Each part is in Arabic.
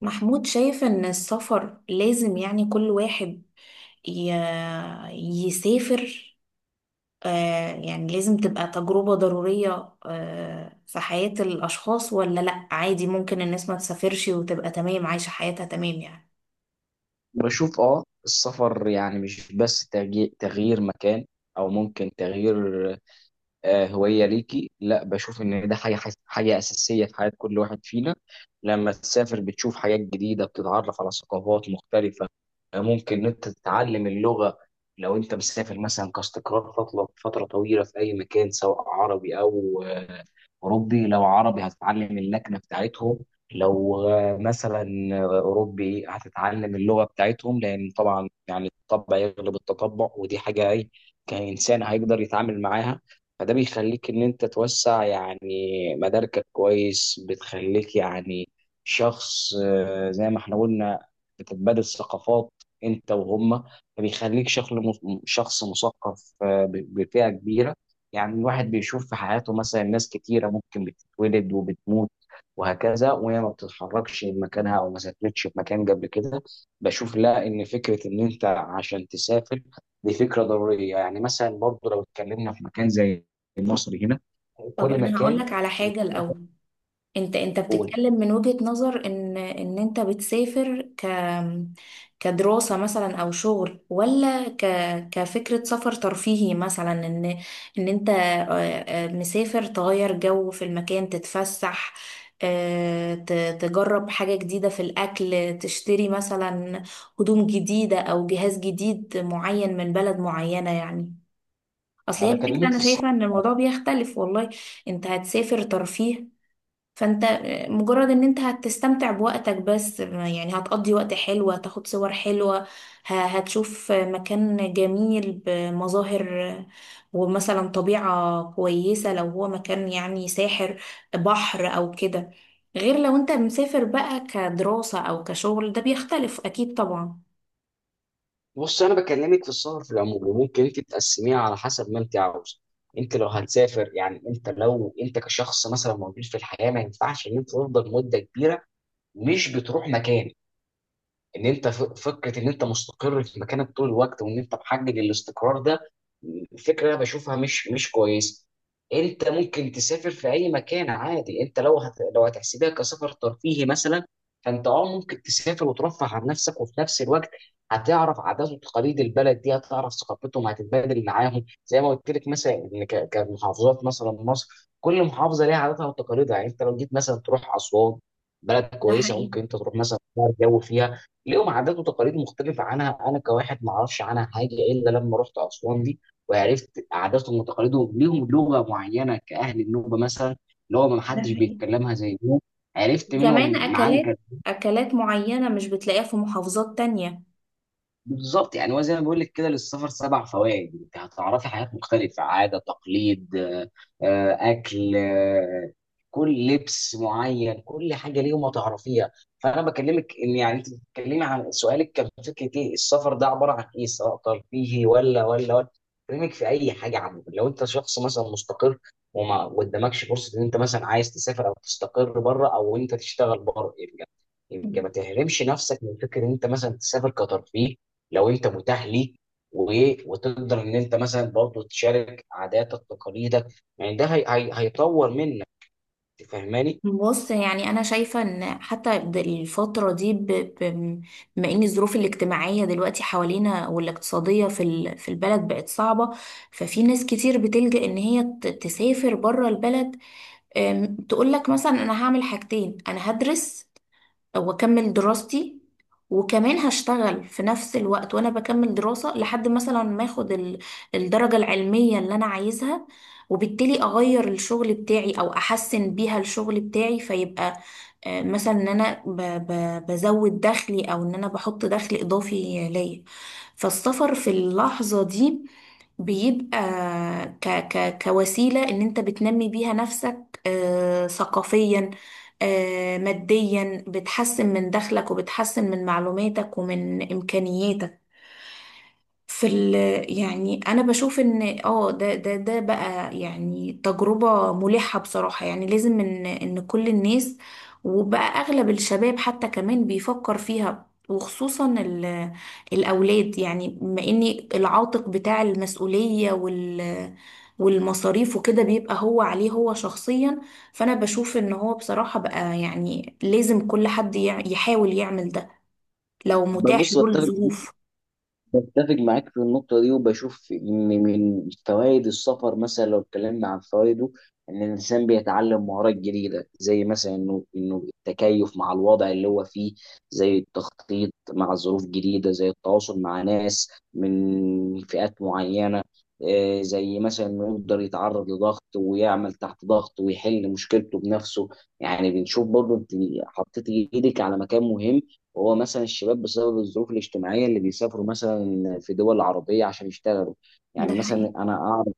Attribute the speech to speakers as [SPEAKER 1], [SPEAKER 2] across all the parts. [SPEAKER 1] محمود، شايف ان السفر لازم يعني كل واحد ي... يسافر؟ يعني لازم تبقى تجربة ضرورية في حياة الاشخاص، ولا لا؟ عادي ممكن الناس ما تسافرش وتبقى تمام عايشة حياتها تمام يعني.
[SPEAKER 2] بشوف السفر يعني مش بس تغيير مكان او ممكن تغيير هوية ليكي. لا، بشوف ان ده حاجة اساسية في حياة كل واحد فينا. لما تسافر بتشوف حاجات جديدة، بتتعرف على ثقافات مختلفة. ممكن ان انت تتعلم اللغة. لو انت مسافر مثلا كاستقرار فترة طويلة في اي مكان سواء عربي او اوروبي، لو عربي هتتعلم اللكنه بتاعتهم، لو مثلا اوروبي هتتعلم اللغه بتاعتهم، لان طبعا يعني الطبع يغلب التطبع، ودي حاجه اي كانسان هيقدر يتعامل معاها. فده بيخليك ان انت توسع يعني مداركك كويس، بتخليك يعني شخص، زي ما احنا قلنا بتتبادل ثقافات انت وهم، فبيخليك شخص مثقف بفئه كبيره. يعني الواحد بيشوف في حياته مثلا ناس كتيرة ممكن بتتولد وبتموت وهكذا وهي ما بتتحركش من مكانها او ما سافرتش في مكان قبل كده. بشوف لا، ان فكرة ان انت عشان تسافر دي فكرة ضرورية، يعني مثلا برضو لو اتكلمنا في مكان زي مصر هنا
[SPEAKER 1] طب
[SPEAKER 2] كل
[SPEAKER 1] انا
[SPEAKER 2] مكان
[SPEAKER 1] هقولك على
[SPEAKER 2] في.
[SPEAKER 1] حاجة الاول. انت
[SPEAKER 2] قول،
[SPEAKER 1] بتتكلم من وجهة نظر ان انت بتسافر كدراسة مثلا او شغل، ولا كفكرة سفر ترفيهي مثلا، ان انت مسافر، تغير جو في المكان، تتفسح، آه، ت- تجرب حاجة جديدة في الأكل، تشتري مثلا هدوم جديدة أو جهاز جديد معين من بلد معينة يعني. أصل هي
[SPEAKER 2] انا
[SPEAKER 1] الفكرة
[SPEAKER 2] بكلمك
[SPEAKER 1] أنا
[SPEAKER 2] في
[SPEAKER 1] شايفة
[SPEAKER 2] الصعيد.
[SPEAKER 1] إن الموضوع بيختلف. والله انت هتسافر ترفيه، فانت مجرد ان انت هتستمتع بوقتك بس يعني، هتقضي وقت حلو، هتاخد صور حلوة، هتشوف مكان جميل بمظاهر، ومثلا طبيعة كويسة، لو هو مكان يعني ساحر، بحر او كده. غير لو انت مسافر بقى كدراسة او كشغل، ده بيختلف اكيد طبعا.
[SPEAKER 2] بص انا بكلمك في السفر في العموم وممكن انت تقسميها على حسب ما انت عاوزه. انت لو هتسافر، يعني انت لو انت كشخص مثلا موجود في الحياه، ما ينفعش ان انت تفضل مده كبيره مش بتروح مكان، ان انت فكره ان انت مستقر في مكانك طول الوقت وان انت محجج الاستقرار ده، فكره انا بشوفها مش كويسه. انت ممكن تسافر في اي مكان عادي. انت لو لو هتحسبها كسفر ترفيهي مثلا، فانت اه ممكن تسافر وترفه عن نفسك، وفي نفس الوقت هتعرف عادات وتقاليد البلد دي، هتعرف ثقافتهم، هتتبادل معاهم زي ما قلت لك. مثلا ان كمحافظات مثلا مصر، كل محافظه ليها عاداتها وتقاليدها. يعني انت لو جيت مثلا تروح اسوان، بلد
[SPEAKER 1] ده
[SPEAKER 2] كويسه
[SPEAKER 1] حقيقي.
[SPEAKER 2] ممكن انت تروح مثلا تغير جو فيها، ليهم عادات وتقاليد مختلفة عنها، أنا كواحد ما أعرفش عنها حاجة إلا لما رحت أسوان دي وعرفت عاداتهم وتقاليدهم. ليهم لغة معينة كأهل النوبة مثلا، اللي هو ما
[SPEAKER 1] ده
[SPEAKER 2] حدش
[SPEAKER 1] حقيقي.
[SPEAKER 2] بيتكلمها زي النوبة. عرفت
[SPEAKER 1] كمان
[SPEAKER 2] منهم معالي.
[SPEAKER 1] اكلات معينة مش بتلاقيها في محافظات تانية.
[SPEAKER 2] بالظبط، يعني هو زي ما بقول لك كده، للسفر سبع فوائد. انت هتعرفي حاجات مختلفه، عاده، تقليد، اكل، كل لبس معين، كل حاجه ليهم هتعرفيها. فانا بكلمك ان يعني انت بتتكلمي عن سؤالك كان فكره ايه السفر ده عباره عن ايه، سواء ترفيهي ولا. بكلمك في اي حاجه عامه. لو انت شخص مثلا مستقر وما قدامكش فرصه ان انت مثلا عايز تسافر او تستقر بره او انت تشتغل بره، يبقى يبقى ما تحرمش نفسك من فكره ان انت مثلا تسافر كترفيه لو انت متاح ليك، وتقدر ان انت مثلا برضه تشارك عاداتك تقاليدك. يعني ده هيطور منك، فاهماني؟
[SPEAKER 1] بص يعني انا شايفه ان حتى الفتره دي، بما ان الظروف الاجتماعيه دلوقتي حوالينا والاقتصاديه في البلد بقت صعبه، ففي ناس كتير بتلجأ ان هي تسافر بره البلد. تقول لك مثلا: انا هعمل حاجتين، انا هدرس واكمل دراستي، وكمان هشتغل في نفس الوقت وانا بكمل دراسة لحد مثلا ما اخد الدرجة العلمية اللي انا عايزها، وبالتالي اغير الشغل بتاعي او احسن بيها الشغل بتاعي، فيبقى مثلا ان انا بزود دخلي، او ان انا بحط دخل اضافي ليا. فالسفر في اللحظة دي بيبقى ك ك كوسيلة ان انت بتنمي بيها نفسك ثقافيا، ماديا، بتحسن من دخلك وبتحسن من معلوماتك ومن إمكانياتك في ال يعني. انا بشوف ان ده بقى يعني تجربة ملحة بصراحة، يعني لازم ان ان كل الناس، وبقى اغلب الشباب حتى كمان بيفكر فيها، وخصوصا الاولاد يعني، بما ان العاتق بتاع المسؤولية والمصاريف وكده بيبقى هو عليه، هو شخصيا. فانا بشوف ان هو بصراحة بقى يعني لازم كل حد يحاول يعمل ده لو متاح
[SPEAKER 2] بص،
[SPEAKER 1] له
[SPEAKER 2] بتفق
[SPEAKER 1] الظروف.
[SPEAKER 2] بتفق معاك في النقطة دي، وبشوف إن من فوائد السفر مثلا لو اتكلمنا عن فوائده، إن الإنسان بيتعلم مهارات جديدة، زي مثلا إنه التكيف مع الوضع اللي هو فيه، زي التخطيط مع ظروف جديدة، زي التواصل مع ناس من فئات معينة، زي مثلا إنه يقدر يتعرض لضغط ويعمل تحت ضغط ويحل مشكلته بنفسه. يعني بنشوف برضه إنت حطيت إيدك على مكان مهم، وهو مثلا الشباب بسبب الظروف الاجتماعية اللي بيسافروا مثلا في دول عربية عشان يشتغلوا.
[SPEAKER 1] ده
[SPEAKER 2] يعني مثلا أنا أعرف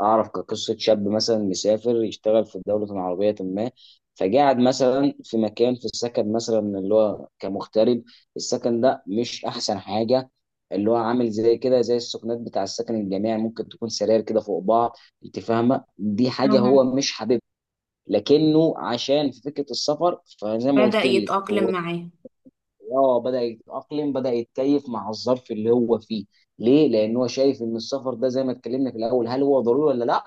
[SPEAKER 2] أعرف كقصة شاب مثلا مسافر يشتغل في دولة عربية ما، فقاعد مثلا في مكان في السكن مثلا اللي هو كمغترب. السكن ده مش أحسن حاجة، اللي هو عامل زي كده زي السكنات بتاع السكن الجامعي، ممكن تكون سراير كده فوق بعض. انت فاهمه، دي حاجه هو
[SPEAKER 1] حقيقي.
[SPEAKER 2] مش حاببها، لكنه عشان في فكره السفر فزي ما
[SPEAKER 1] بدأ
[SPEAKER 2] قلت لك
[SPEAKER 1] يتأقلم
[SPEAKER 2] هو
[SPEAKER 1] معاه.
[SPEAKER 2] اه بدأ يتأقلم، بدأ يتكيف مع الظرف اللي هو فيه. ليه؟ لأن هو شايف إن السفر ده زي ما اتكلمنا في الأول، هل هو ضروري ولا لأ؟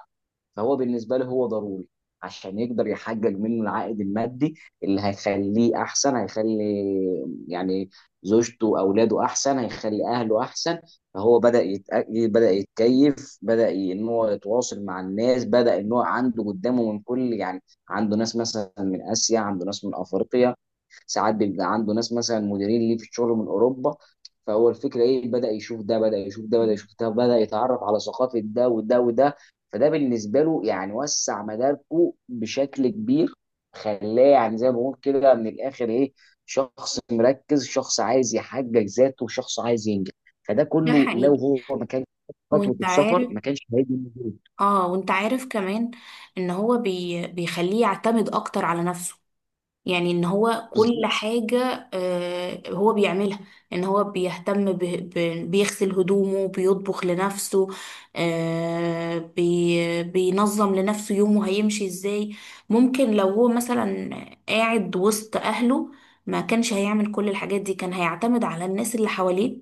[SPEAKER 2] فهو بالنسبه له هو ضروري عشان يقدر يحقق منه العائد المادي اللي هيخليه احسن، هيخلي يعني زوجته اولاده احسن، هيخلي اهله احسن. فهو بدا يتكيف، بدا ان هو يتواصل مع الناس، بدا ان هو عنده قدامه من كل يعني، عنده ناس مثلا من اسيا، عنده ناس من افريقيا، ساعات بيبقى عنده ناس مثلا مديرين ليه في الشغل من اوروبا. فهو الفكره ايه، بدا يشوف ده بدا يشوف ده بدا يشوف ده، بدا يتعرف على ثقافه ده وده وده. فده بالنسبه له يعني وسع مداركه بشكل كبير، خلاه يعني زي ما بقول كده من الاخر ايه، شخص مركز، شخص عايز يحقق ذاته، شخص عايز ينجح. فده
[SPEAKER 1] ده
[SPEAKER 2] كله لو
[SPEAKER 1] حقيقي.
[SPEAKER 2] هو ما كانش خد خطوه
[SPEAKER 1] وانت
[SPEAKER 2] السفر
[SPEAKER 1] عارف
[SPEAKER 2] ما كانش هيجي موجود.
[SPEAKER 1] اه وانت عارف كمان ان هو بيخليه يعتمد اكتر على نفسه. يعني ان هو كل
[SPEAKER 2] بالظ-
[SPEAKER 1] حاجة هو بيعملها، ان هو بيهتم بيغسل هدومه، بيطبخ لنفسه، بينظم لنفسه يومه هيمشي ازاي. ممكن لو هو مثلا قاعد وسط اهله ما كانش هيعمل كل الحاجات دي، كان هيعتمد على الناس اللي حواليه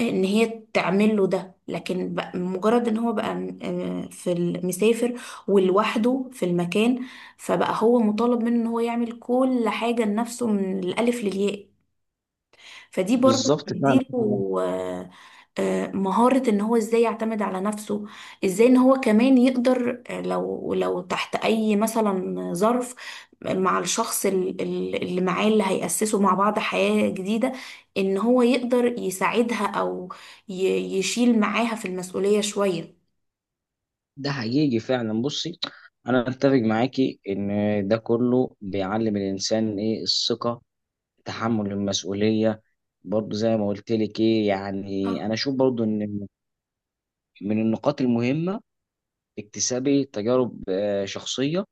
[SPEAKER 1] ان هي تعمل له ده، لكن مجرد ان هو بقى مسافر ولوحده في المكان، فبقى هو مطالب منه ان هو يعمل كل حاجة لنفسه من الألف للياء. فدي برضه
[SPEAKER 2] بالظبط فعلا.
[SPEAKER 1] بتديله آه، مهارة ان هو ازاي يعتمد على نفسه، ازاي ان هو كمان يقدر لو تحت اي مثلا ظرف مع الشخص اللي معاه، اللي هيأسسوا مع بعض حياة جديدة، ان هو يقدر يساعدها او يشيل معاها في المسؤولية شوية.
[SPEAKER 2] ده حقيقي فعلا. بصي، انا اتفق معاكي ان ده كله بيعلم الانسان ايه، الثقه، تحمل المسؤوليه. برضه زي ما قلت لك ايه يعني،
[SPEAKER 1] آه،
[SPEAKER 2] انا اشوف برضه ان من النقاط المهمة اكتسابي تجارب شخصية،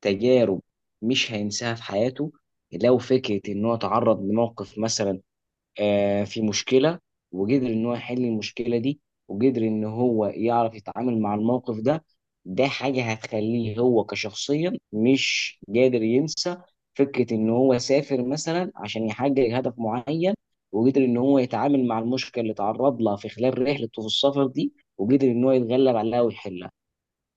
[SPEAKER 2] تجارب مش هينساها في حياته. لو فكرة إن هو تعرض لموقف مثلا، في مشكلة، وقدر إن هو يحل المشكلة دي، وقدر إن هو يعرف يتعامل مع الموقف ده، ده حاجة هتخليه هو كشخصيا مش قادر ينسى فكرة إن هو سافر مثلا عشان يحقق هدف معين، وقدر إن هو يتعامل مع المشكلة اللي تعرض لها في خلال رحلته في السفر دي، وقدر إن هو يتغلب عليها ويحلها.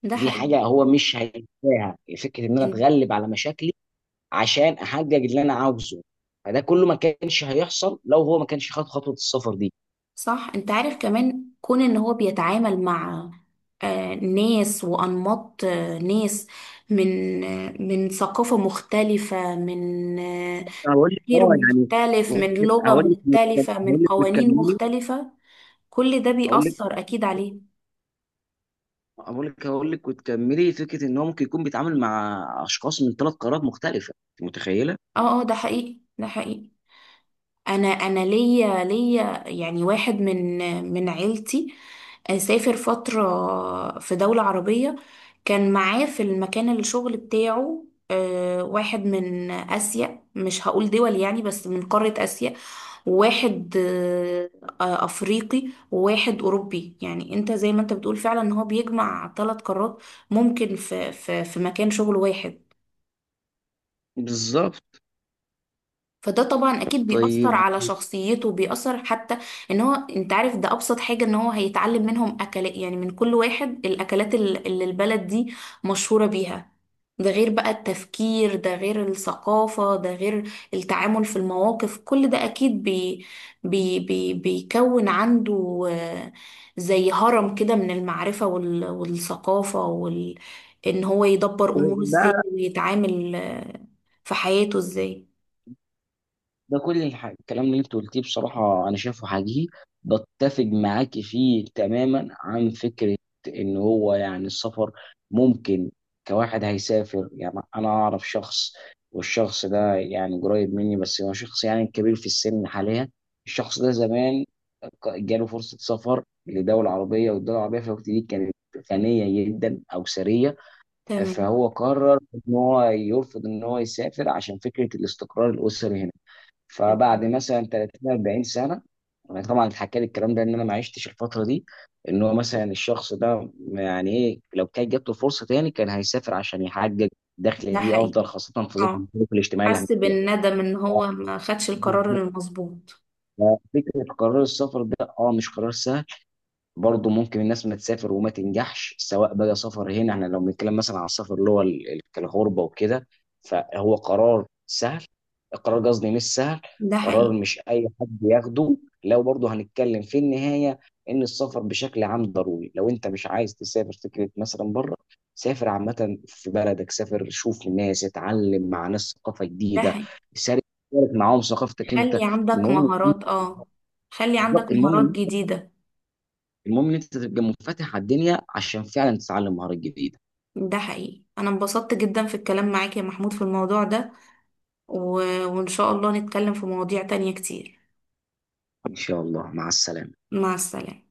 [SPEAKER 1] ده
[SPEAKER 2] دي
[SPEAKER 1] حقيقي.
[SPEAKER 2] حاجة هو مش هينساها، فكرة إن أنا أتغلب على مشاكلي عشان احقق اللي انا عاوزه. فده كله ما كانش هيحصل لو هو ما كانش خد خطوه السفر دي.
[SPEAKER 1] صح. انت عارف كمان، كون ان هو بيتعامل مع ناس وانماط ناس من ثقافة مختلفة، من
[SPEAKER 2] أنا هقول لك
[SPEAKER 1] تفكير
[SPEAKER 2] اه يعني،
[SPEAKER 1] مختلف، من
[SPEAKER 2] ممكن
[SPEAKER 1] لغة
[SPEAKER 2] هقول لك
[SPEAKER 1] مختلفة،
[SPEAKER 2] هقول
[SPEAKER 1] من
[SPEAKER 2] لك
[SPEAKER 1] قوانين
[SPEAKER 2] وتكملي.
[SPEAKER 1] مختلفة، كل ده
[SPEAKER 2] هقول لك
[SPEAKER 1] بيأثر اكيد عليه.
[SPEAKER 2] هقول لك وتكملي، فكره ان هو ممكن يكون بيتعامل مع اشخاص من ثلاث قارات مختلفه، أنت متخيله؟
[SPEAKER 1] اه، اه، ده حقيقي. ده حقيقي. انا ليا يعني واحد من عيلتي سافر فترة في دولة عربية، كان معاه في المكان الشغل بتاعه واحد من آسيا، مش هقول دول يعني بس من قارة آسيا، وواحد أفريقي، وواحد أوروبي. يعني أنت زي ما أنت بتقول فعلا، إن هو بيجمع ثلاث قارات ممكن في مكان شغل واحد.
[SPEAKER 2] بالظبط.
[SPEAKER 1] فده طبعا اكيد بيأثر
[SPEAKER 2] طيب،
[SPEAKER 1] على شخصيته، بيأثر حتى ان هو، انت عارف، ده ابسط حاجة ان هو هيتعلم منهم اكلات، يعني من كل واحد الاكلات اللي البلد دي مشهورة بيها. ده غير بقى التفكير، ده غير الثقافة، ده غير التعامل في المواقف، كل ده اكيد بي بي بي بيكون عنده زي هرم كده من المعرفة والثقافة ان هو يدبر اموره ازاي، ويتعامل في حياته ازاي.
[SPEAKER 2] ده كل الكلام اللي انت قلتيه بصراحة أنا شايفه حقيقي، بتفق معاك فيه تماما عن فكرة إن هو يعني السفر ممكن، كواحد هيسافر. يعني أنا أعرف شخص، والشخص ده يعني قريب مني، بس هو شخص يعني كبير في السن حاليا. الشخص ده زمان جاله فرصة سفر لدولة عربية، والدولة العربية في الوقت دي كانت غنية جدا أو ثرية،
[SPEAKER 1] تمام.
[SPEAKER 2] فهو قرر إن هو يرفض إن هو يسافر عشان فكرة الاستقرار الأسري هنا. فبعد
[SPEAKER 1] تمام.
[SPEAKER 2] مثلا 30 40 سنه، انا طبعا اتحكى لي الكلام ده ان انا ما عشتش الفتره دي، ان هو مثلا الشخص ده يعني ايه لو كانت جات له فرصه تاني كان هيسافر عشان يحقق دخل
[SPEAKER 1] ده
[SPEAKER 2] ليه
[SPEAKER 1] حقيقي.
[SPEAKER 2] افضل، خاصه في ظل
[SPEAKER 1] اه،
[SPEAKER 2] الظروف الاجتماعيه اللي احنا
[SPEAKER 1] حس
[SPEAKER 2] فيها.
[SPEAKER 1] بالندم ان هو ما خدش القرار
[SPEAKER 2] بالظبط.
[SPEAKER 1] المظبوط.
[SPEAKER 2] ففكره قرار السفر ده اه مش قرار سهل، برضه ممكن الناس ما تسافر وما تنجحش سواء بقى سفر. هنا احنا لو بنتكلم مثلا عن السفر اللي هو كالغربة وكده، فهو قرار سهل، قرار قصدي مش سهل،
[SPEAKER 1] ده
[SPEAKER 2] قرار
[SPEAKER 1] حقيقي.
[SPEAKER 2] مش اي حد ياخده. لو برضه هنتكلم في النهاية ان السفر بشكل عام ضروري. لو انت مش عايز تسافر فكرة مثلا بره، سافر عامة في بلدك، سافر شوف الناس، اتعلم مع ناس ثقافة
[SPEAKER 1] ده
[SPEAKER 2] جديدة،
[SPEAKER 1] حقيقي.
[SPEAKER 2] شارك، شارك معاهم ثقافتك
[SPEAKER 1] خلي
[SPEAKER 2] انت.
[SPEAKER 1] عندك
[SPEAKER 2] المهم،
[SPEAKER 1] مهارات اه خلي
[SPEAKER 2] بالظبط
[SPEAKER 1] عندك
[SPEAKER 2] المهم،
[SPEAKER 1] مهارات جديدة.
[SPEAKER 2] المهم ان انت تبقى منفتح على الدنيا عشان فعلا تتعلم مهارات جديده.
[SPEAKER 1] ده حقيقي، انا انبسطت جدا في الكلام معاك يا محمود في الموضوع ده، و... وان شاء الله نتكلم في مواضيع تانية كتير.
[SPEAKER 2] ان شاء الله، مع السلامه.
[SPEAKER 1] مع السلامة.